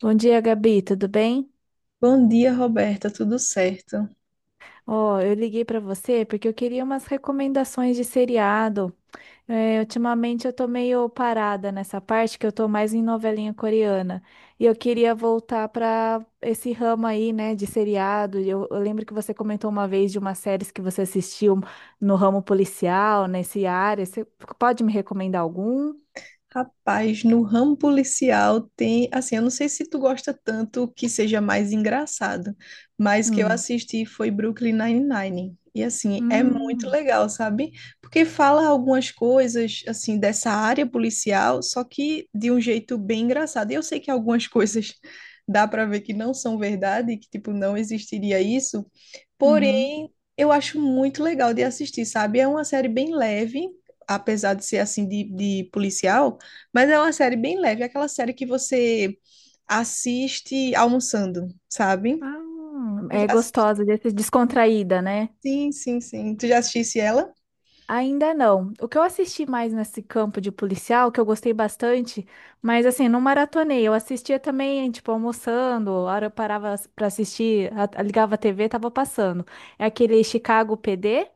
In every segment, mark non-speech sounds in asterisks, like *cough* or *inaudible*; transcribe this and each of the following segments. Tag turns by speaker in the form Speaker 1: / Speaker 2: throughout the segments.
Speaker 1: Bom dia, Gabi, tudo bem?
Speaker 2: Bom dia, Roberta, tudo certo?
Speaker 1: Ó, eu liguei para você porque eu queria umas recomendações de seriado. É, ultimamente eu tô meio parada nessa parte que eu tô mais em novelinha coreana. E eu queria voltar para esse ramo aí, né, de seriado. E eu lembro que você comentou uma vez de uma série que você assistiu no ramo policial, nesse área. Você pode me recomendar algum?
Speaker 2: Rapaz, no ramo policial tem, assim, eu não sei se tu gosta tanto que seja mais engraçado, mas o que eu
Speaker 1: Hum.
Speaker 2: assisti foi Brooklyn Nine-Nine. E assim, é muito
Speaker 1: Hum.
Speaker 2: legal, sabe? Porque fala algumas coisas assim dessa área policial, só que de um jeito bem engraçado. E eu sei que algumas *laughs* coisas dá para ver que não são verdade, que tipo não existiria isso.
Speaker 1: Uhum.
Speaker 2: Porém, eu acho muito legal de assistir, sabe? É uma série bem leve, apesar de ser assim de policial, mas é uma série bem leve, é aquela série que você assiste almoçando, sabe?
Speaker 1: Ah,
Speaker 2: Tu já
Speaker 1: é
Speaker 2: assisti?
Speaker 1: gostosa, descontraída, né?
Speaker 2: Sim, sim, sim. Tu já assistisse ela?
Speaker 1: Ainda não. O que eu assisti mais nesse campo de policial, que eu gostei bastante, mas assim, não maratonei. Eu assistia também, tipo, almoçando, a hora eu parava para assistir, ligava a TV, tava passando. É aquele Chicago PD,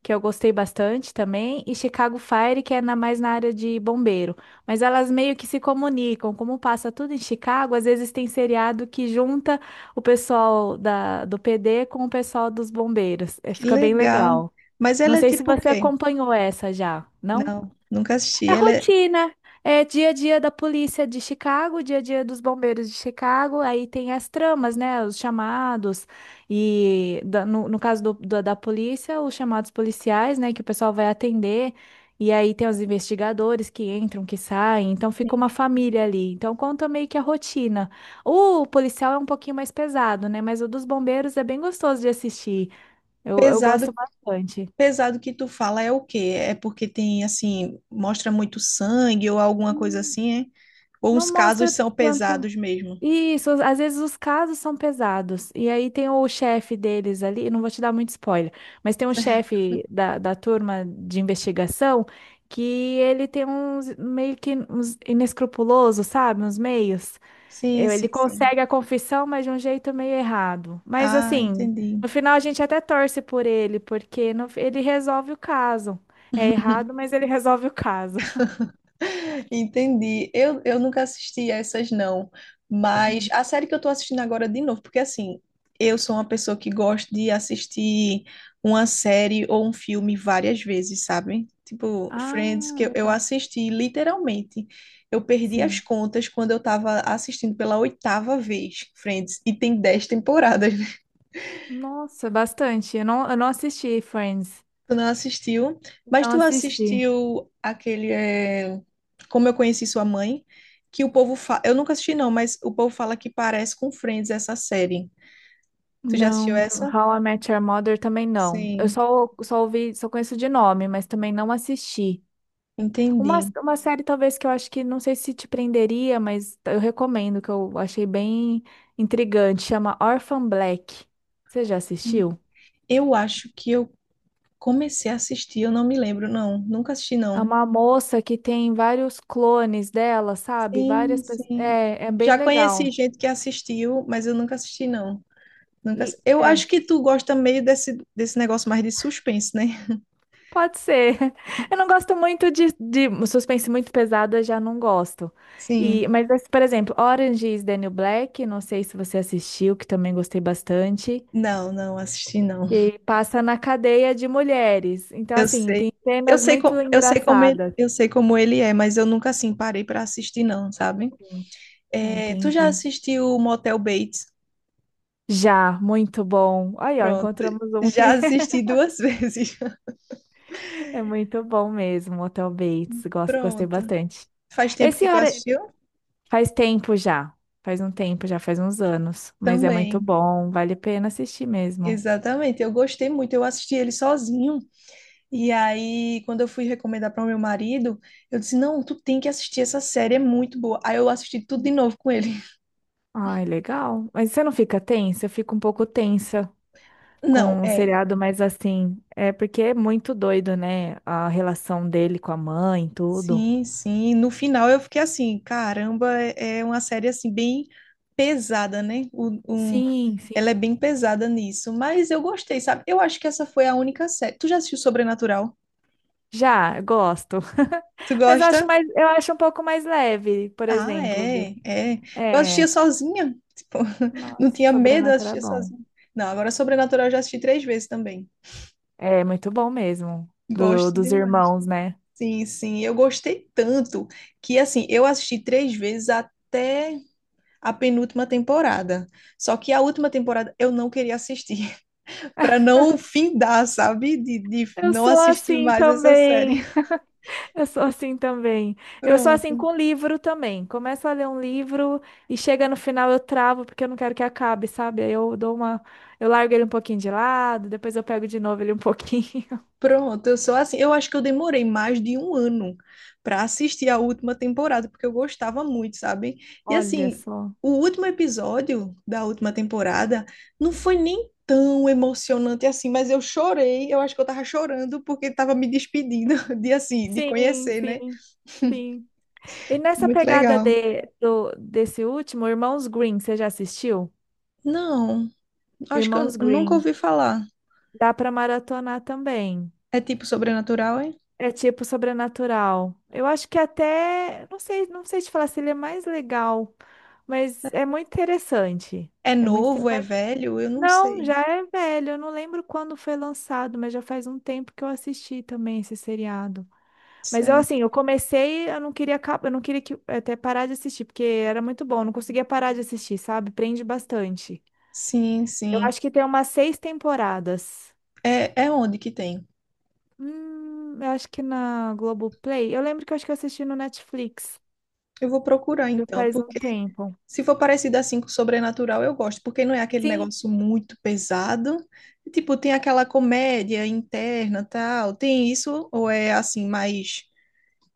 Speaker 1: que eu gostei bastante também, e Chicago Fire, que é mais na área de bombeiro. Mas elas meio que se comunicam, como passa tudo em Chicago, às vezes tem seriado que junta o pessoal do PD com o pessoal dos bombeiros. É,
Speaker 2: Que
Speaker 1: fica bem
Speaker 2: legal.
Speaker 1: legal.
Speaker 2: Mas ela
Speaker 1: Não
Speaker 2: é
Speaker 1: sei se
Speaker 2: tipo o
Speaker 1: você
Speaker 2: quê?
Speaker 1: acompanhou essa já, não?
Speaker 2: Não, nunca assisti.
Speaker 1: É
Speaker 2: Ela é
Speaker 1: rotina, é dia a dia da polícia de Chicago, dia a dia dos bombeiros de Chicago, aí tem as tramas, né? Os chamados, e no caso da polícia, os chamados policiais, né? Que o pessoal vai atender, e aí tem os investigadores que entram, que saem, então fica uma família ali. Então conta meio que a rotina. O policial é um pouquinho mais pesado, né? Mas o dos bombeiros é bem gostoso de assistir, eu gosto
Speaker 2: pesado,
Speaker 1: bastante.
Speaker 2: pesado que tu fala é o quê? É porque tem assim, mostra muito sangue ou alguma coisa assim, é? Ou os
Speaker 1: Não
Speaker 2: casos
Speaker 1: mostra
Speaker 2: são
Speaker 1: tanto.
Speaker 2: pesados mesmo?
Speaker 1: Isso, às vezes os casos são pesados. E aí tem o chefe deles ali, não vou te dar muito spoiler, mas tem um chefe da turma de investigação que ele tem uns meio que uns inescrupuloso, sabe? Uns meios.
Speaker 2: Sim,
Speaker 1: Ele
Speaker 2: sim, sim.
Speaker 1: consegue a confissão, mas de um jeito meio errado. Mas
Speaker 2: Ah,
Speaker 1: assim,
Speaker 2: entendi.
Speaker 1: no final a gente até torce por ele, porque ele resolve o caso. É errado, mas ele *laughs* resolve o caso.
Speaker 2: *laughs* Entendi. Eu nunca assisti a essas, não. Mas
Speaker 1: Hum.
Speaker 2: a série que eu tô assistindo agora de novo, porque assim, eu sou uma pessoa que gosta de assistir uma série ou um filme várias vezes, sabe? Tipo, Friends,
Speaker 1: Ah,
Speaker 2: que eu
Speaker 1: legal.
Speaker 2: assisti literalmente. Eu perdi as
Speaker 1: Sim.
Speaker 2: contas quando eu tava assistindo pela oitava vez, Friends, e tem 10 temporadas.
Speaker 1: Nossa, bastante. Eu não assisti Friends.
Speaker 2: Tu não assistiu, mas
Speaker 1: Não
Speaker 2: tu
Speaker 1: assisti.
Speaker 2: assistiu aquele é, Como Eu Conheci Sua Mãe, que o povo fala. Eu nunca assisti, não, mas o povo fala que parece com Friends essa série. Tu já assistiu
Speaker 1: Não,
Speaker 2: essa?
Speaker 1: How I Met Your Mother também não. Eu
Speaker 2: Sim,
Speaker 1: só ouvi, só conheço de nome, mas também não assisti. Uma,
Speaker 2: entendi.
Speaker 1: uma série talvez que eu acho que não sei se te prenderia, mas eu recomendo, que eu achei bem intrigante, chama Orphan Black. Você já assistiu?
Speaker 2: Eu acho que eu comecei a assistir, eu não me lembro, não. Nunca assisti,
Speaker 1: É
Speaker 2: não.
Speaker 1: uma moça que tem vários clones dela, sabe?
Speaker 2: Sim,
Speaker 1: Várias pessoas.
Speaker 2: sim.
Speaker 1: É, é bem
Speaker 2: Já conheci
Speaker 1: legal.
Speaker 2: gente que assistiu, mas eu nunca assisti, não. Nunca...
Speaker 1: E
Speaker 2: ass- Eu
Speaker 1: é.
Speaker 2: acho que tu gosta meio desse negócio mais de suspense, né?
Speaker 1: Pode ser. *laughs* Eu não gosto muito de suspense muito pesado, eu já não gosto. E,
Speaker 2: Sim.
Speaker 1: mas, assim, por exemplo, Orange is the New Black, não sei se você assistiu, que também gostei bastante,
Speaker 2: Não, não assisti, não.
Speaker 1: que passa na cadeia de mulheres. Então,
Speaker 2: Eu
Speaker 1: assim,
Speaker 2: sei.
Speaker 1: tem
Speaker 2: Eu
Speaker 1: cenas
Speaker 2: sei,
Speaker 1: muito engraçadas.
Speaker 2: eu sei como ele é, mas eu nunca assim parei para assistir não, sabe?
Speaker 1: Assim. Ah,
Speaker 2: É, tu já
Speaker 1: entendi.
Speaker 2: assistiu o Motel Bates?
Speaker 1: Já, muito bom. Aí, ó,
Speaker 2: Pronto.
Speaker 1: encontramos um
Speaker 2: Já
Speaker 1: que
Speaker 2: assisti duas *laughs* vezes.
Speaker 1: *laughs* é muito bom mesmo, Hotel Bates. Gosto, gostei
Speaker 2: Pronto.
Speaker 1: bastante.
Speaker 2: Faz tempo
Speaker 1: Esse
Speaker 2: que tu
Speaker 1: Ora-
Speaker 2: assistiu?
Speaker 1: Faz tempo já. Faz um tempo já, faz uns anos. Mas é muito
Speaker 2: Também.
Speaker 1: bom, vale a pena assistir mesmo.
Speaker 2: Exatamente. Eu gostei muito. Eu assisti ele sozinho. E aí, quando eu fui recomendar para o meu marido, eu disse: "Não, tu tem que assistir essa série, é muito boa". Aí eu assisti tudo de novo com ele. *laughs*
Speaker 1: Ai, legal. Mas você não fica tensa? Eu fico um pouco tensa
Speaker 2: Não,
Speaker 1: com um
Speaker 2: é,
Speaker 1: seriado, mas assim, é porque é muito doido, né? A relação dele com a mãe, tudo.
Speaker 2: sim, sim. No final eu fiquei assim, caramba, é uma série assim bem pesada, né?
Speaker 1: Sim,
Speaker 2: Ela
Speaker 1: sim.
Speaker 2: é bem pesada nisso, mas eu gostei, sabe? Eu acho que essa foi a única série. Tu já assistiu Sobrenatural?
Speaker 1: Já, gosto.
Speaker 2: Tu
Speaker 1: *laughs* Mas eu acho
Speaker 2: gosta?
Speaker 1: mais, eu acho um pouco mais leve, por
Speaker 2: Ah,
Speaker 1: exemplo, do...
Speaker 2: é, é. Eu assistia
Speaker 1: É,
Speaker 2: sozinha, tipo, *laughs* não
Speaker 1: nossa,
Speaker 2: tinha medo, eu
Speaker 1: Sobrenatural é
Speaker 2: assistia
Speaker 1: bom.
Speaker 2: sozinha. Não, agora Sobrenatural eu já assisti três vezes também.
Speaker 1: É muito bom mesmo,
Speaker 2: Gosto
Speaker 1: dos
Speaker 2: demais.
Speaker 1: irmãos, né?
Speaker 2: Sim, sim, eu gostei tanto que assim, eu assisti três vezes até a penúltima temporada. Só que a última temporada eu não queria assistir, *laughs* para não findar, sabe? De
Speaker 1: Eu
Speaker 2: não
Speaker 1: sou
Speaker 2: assistir
Speaker 1: assim
Speaker 2: mais essa série.
Speaker 1: também.
Speaker 2: *laughs*
Speaker 1: *laughs* Eu sou assim também. Eu sou assim
Speaker 2: Pronto,
Speaker 1: com livro também. Começo a ler um livro e chega no final eu travo porque eu não quero que acabe, sabe? Aí eu dou uma, eu largo ele um pouquinho de lado, depois eu pego de novo ele um pouquinho. *laughs*
Speaker 2: pronto. Eu sou assim. Eu acho que eu demorei mais de um ano para assistir a última temporada, porque eu gostava muito, sabe? E
Speaker 1: Olha
Speaker 2: assim,
Speaker 1: só.
Speaker 2: o último episódio da última temporada não foi nem tão emocionante assim, mas eu chorei. Eu acho que eu tava chorando porque tava me despedindo *laughs* de assim, de
Speaker 1: Sim,
Speaker 2: conhecer, né?
Speaker 1: sim, sim. E nessa
Speaker 2: Muito
Speaker 1: pegada
Speaker 2: legal.
Speaker 1: de, desse último, Irmãos Green, você já assistiu?
Speaker 2: Não, acho que eu
Speaker 1: Irmãos
Speaker 2: nunca
Speaker 1: Green.
Speaker 2: ouvi falar.
Speaker 1: Dá para maratonar também.
Speaker 2: É tipo sobrenatural, é?
Speaker 1: É tipo sobrenatural. Eu acho que até, não sei, não sei te falar se ele é mais legal, mas é muito interessante.
Speaker 2: É
Speaker 1: É muito, inte-
Speaker 2: novo, é
Speaker 1: mas
Speaker 2: velho? Eu não
Speaker 1: Não,
Speaker 2: sei.
Speaker 1: já é velho. Eu não lembro quando foi lançado, mas já faz um tempo que eu assisti também esse seriado.
Speaker 2: Isso
Speaker 1: Mas eu
Speaker 2: é-
Speaker 1: assim, eu comecei, eu não queria, eu não queria que até parar de assistir, porque era muito bom, eu não conseguia parar de assistir, sabe? Prende bastante.
Speaker 2: Sim,
Speaker 1: Eu
Speaker 2: sim.
Speaker 1: acho que tem umas seis temporadas.
Speaker 2: É, é onde que tem?
Speaker 1: Eu acho que na Globoplay. Eu lembro que eu acho que eu assisti no Netflix.
Speaker 2: Eu vou procurar
Speaker 1: Já
Speaker 2: então,
Speaker 1: faz um
Speaker 2: porque
Speaker 1: tempo.
Speaker 2: se for parecido assim com sobrenatural, eu gosto, porque não é aquele
Speaker 1: Sim,
Speaker 2: negócio muito pesado. Tipo, tem aquela comédia interna, tal. Tem isso, ou é assim, mais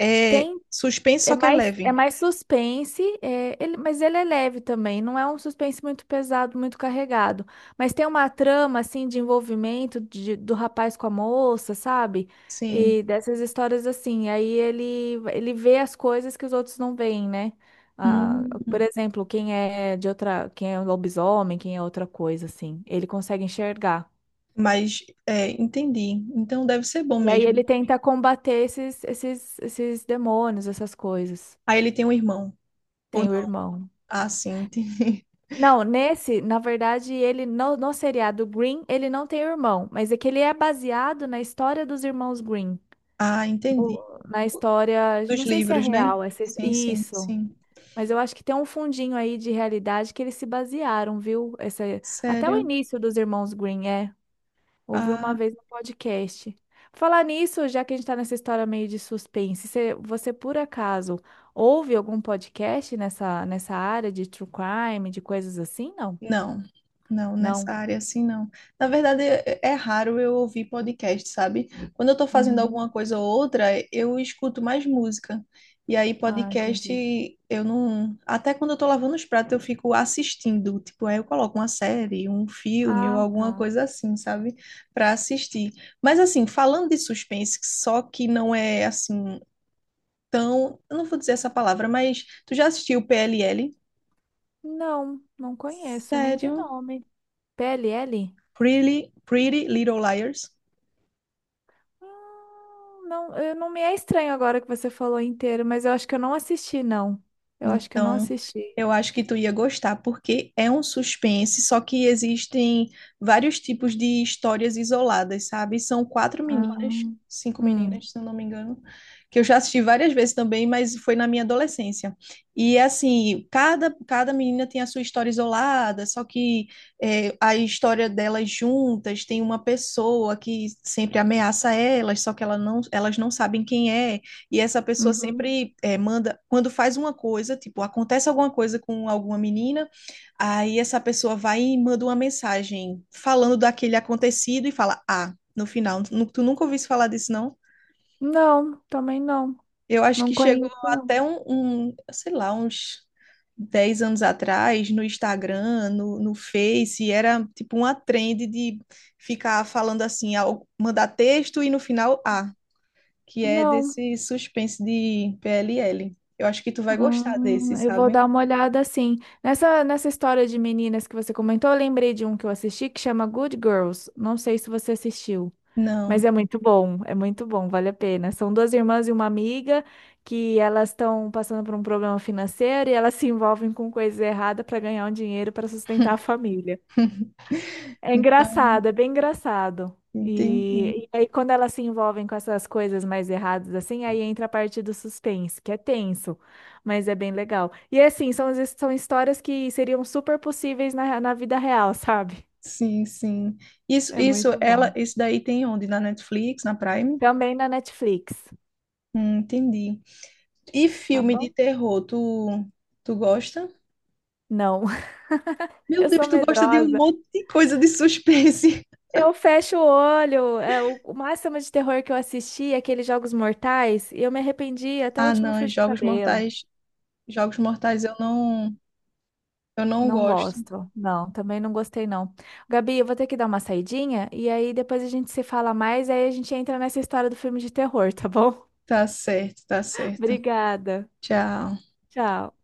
Speaker 2: é
Speaker 1: tem.
Speaker 2: suspense, só que é leve.
Speaker 1: É mais suspense, é, ele, mas ele é leve também. Não é um suspense muito pesado, muito carregado. Mas tem uma trama, assim, de envolvimento do rapaz com a moça, sabe?
Speaker 2: Sim.
Speaker 1: E dessas histórias assim. Aí ele vê as coisas que os outros não veem, né? Ah, por
Speaker 2: Hum,
Speaker 1: exemplo, quem é de outra, quem é um lobisomem, quem é outra coisa, assim. Ele consegue enxergar.
Speaker 2: mas é, entendi. Então deve ser bom
Speaker 1: E aí
Speaker 2: mesmo.
Speaker 1: ele tenta combater esses demônios, essas coisas.
Speaker 2: Aí ele tem um irmão. Ou
Speaker 1: Tem o irmão.
Speaker 2: Ah, sim, entendi. *laughs*
Speaker 1: Não, nesse, na verdade, ele no seriado Green, ele não tem irmão, mas é que ele é baseado na história dos irmãos Green.
Speaker 2: Ah, entendi.
Speaker 1: Na história,
Speaker 2: Dos
Speaker 1: não sei se é
Speaker 2: livros, né?
Speaker 1: real essa,
Speaker 2: Sim, sim,
Speaker 1: isso,
Speaker 2: sim.
Speaker 1: mas eu acho que tem um fundinho aí de realidade que eles se basearam, viu? Essa, até o
Speaker 2: Sério?
Speaker 1: início dos irmãos Green, é. Ouvi uma
Speaker 2: Ah.
Speaker 1: vez no podcast. Falar nisso, já que a gente está nessa história meio de suspense, você, por acaso ouve algum podcast nessa área de true crime, de coisas assim? Não?
Speaker 2: Não, não, nessa
Speaker 1: Não.
Speaker 2: área assim não. Na verdade, é raro eu ouvir podcast, sabe? Quando eu tô fazendo
Speaker 1: Uhum.
Speaker 2: alguma coisa ou outra, eu escuto mais música. E aí,
Speaker 1: Ah,
Speaker 2: podcast,
Speaker 1: entendi.
Speaker 2: eu não. Até quando eu tô lavando os pratos, eu fico assistindo. Tipo, aí eu coloco uma série, um filme ou
Speaker 1: Ah,
Speaker 2: alguma
Speaker 1: tá.
Speaker 2: coisa assim, sabe? Pra assistir. Mas, assim, falando de suspense, só que não é assim tão. Eu não vou dizer essa palavra, mas tu já assistiu PLL?
Speaker 1: Não, não conheço nem de
Speaker 2: Sério?
Speaker 1: nome. P L L?
Speaker 2: Pretty Little Liars.
Speaker 1: Não, eu, não me é estranho agora que você falou inteiro, mas eu acho que eu não assisti, não. Eu acho que eu não
Speaker 2: Então,
Speaker 1: assisti.
Speaker 2: eu acho que tu ia gostar, porque é um suspense, só que existem vários tipos de histórias isoladas, sabe? São quatro
Speaker 1: Ah.
Speaker 2: meninas, cinco
Speaker 1: Hum.
Speaker 2: meninas, se eu não me engano, que eu já assisti várias vezes também, mas foi na minha adolescência. E assim, cada menina tem a sua história isolada, só que é, a história delas juntas tem uma pessoa que sempre ameaça elas, só que ela não, elas não sabem quem é. E essa pessoa
Speaker 1: Uhum.
Speaker 2: sempre é, manda, quando faz uma coisa, tipo, acontece alguma coisa com alguma menina, aí essa pessoa vai e manda uma mensagem falando daquele acontecido e fala, ah, no final, tu nunca ouviste falar disso, não?
Speaker 1: Não, também não.
Speaker 2: Eu acho
Speaker 1: Não
Speaker 2: que chegou
Speaker 1: conheço,
Speaker 2: até
Speaker 1: não.
Speaker 2: sei lá, uns 10 anos atrás, no Instagram, no Face, era tipo uma trend de ficar falando assim, mandar texto e no final, ah, que é
Speaker 1: Não.
Speaker 2: desse suspense de PLL. Eu acho que tu vai gostar desse,
Speaker 1: Ah, eu vou
Speaker 2: sabe?
Speaker 1: dar uma olhada assim. Nessa história de meninas que você comentou, eu lembrei de um que eu assisti que chama Good Girls. Não sei se você assistiu, mas
Speaker 2: Não.
Speaker 1: é muito bom. É muito bom, vale a pena. São duas irmãs e uma amiga que elas estão passando por um problema financeiro e elas se envolvem com coisas erradas para ganhar um dinheiro para sustentar a família. É
Speaker 2: Então,
Speaker 1: engraçado, é bem engraçado.
Speaker 2: entendi.
Speaker 1: E aí, quando elas se envolvem com essas coisas mais erradas, assim, aí entra a parte do suspense, que é tenso, mas é bem legal. E assim, são, são histórias que seriam super possíveis na vida real, *laughs* sabe?
Speaker 2: Sim, sim. Isso,
Speaker 1: É
Speaker 2: isso,
Speaker 1: muito
Speaker 2: ela,
Speaker 1: bom.
Speaker 2: isso daí tem onde? Na Netflix, na Prime?
Speaker 1: Também na Netflix,
Speaker 2: Entendi. E
Speaker 1: tá
Speaker 2: filme de
Speaker 1: bom?
Speaker 2: terror, tu gosta?
Speaker 1: Não, *laughs*
Speaker 2: Meu
Speaker 1: eu
Speaker 2: Deus,
Speaker 1: sou
Speaker 2: tu gosta de um
Speaker 1: medrosa.
Speaker 2: monte de coisa de suspense. *laughs*
Speaker 1: Eu fecho o olho. É, o máximo de terror que eu assisti é aqueles Jogos Mortais, e eu me arrependi até o
Speaker 2: Ah,
Speaker 1: último
Speaker 2: não,
Speaker 1: fio de
Speaker 2: Jogos
Speaker 1: cabelo.
Speaker 2: Mortais, Jogos Mortais eu não
Speaker 1: Não
Speaker 2: gosto.
Speaker 1: gosto. Não, também não gostei, não. Gabi, eu vou ter que dar uma saidinha e aí depois a gente se fala mais, aí a gente entra nessa história do filme de terror, tá bom?
Speaker 2: Tá certo, tá
Speaker 1: *laughs*
Speaker 2: certo.
Speaker 1: Obrigada.
Speaker 2: Tchau.
Speaker 1: Tchau.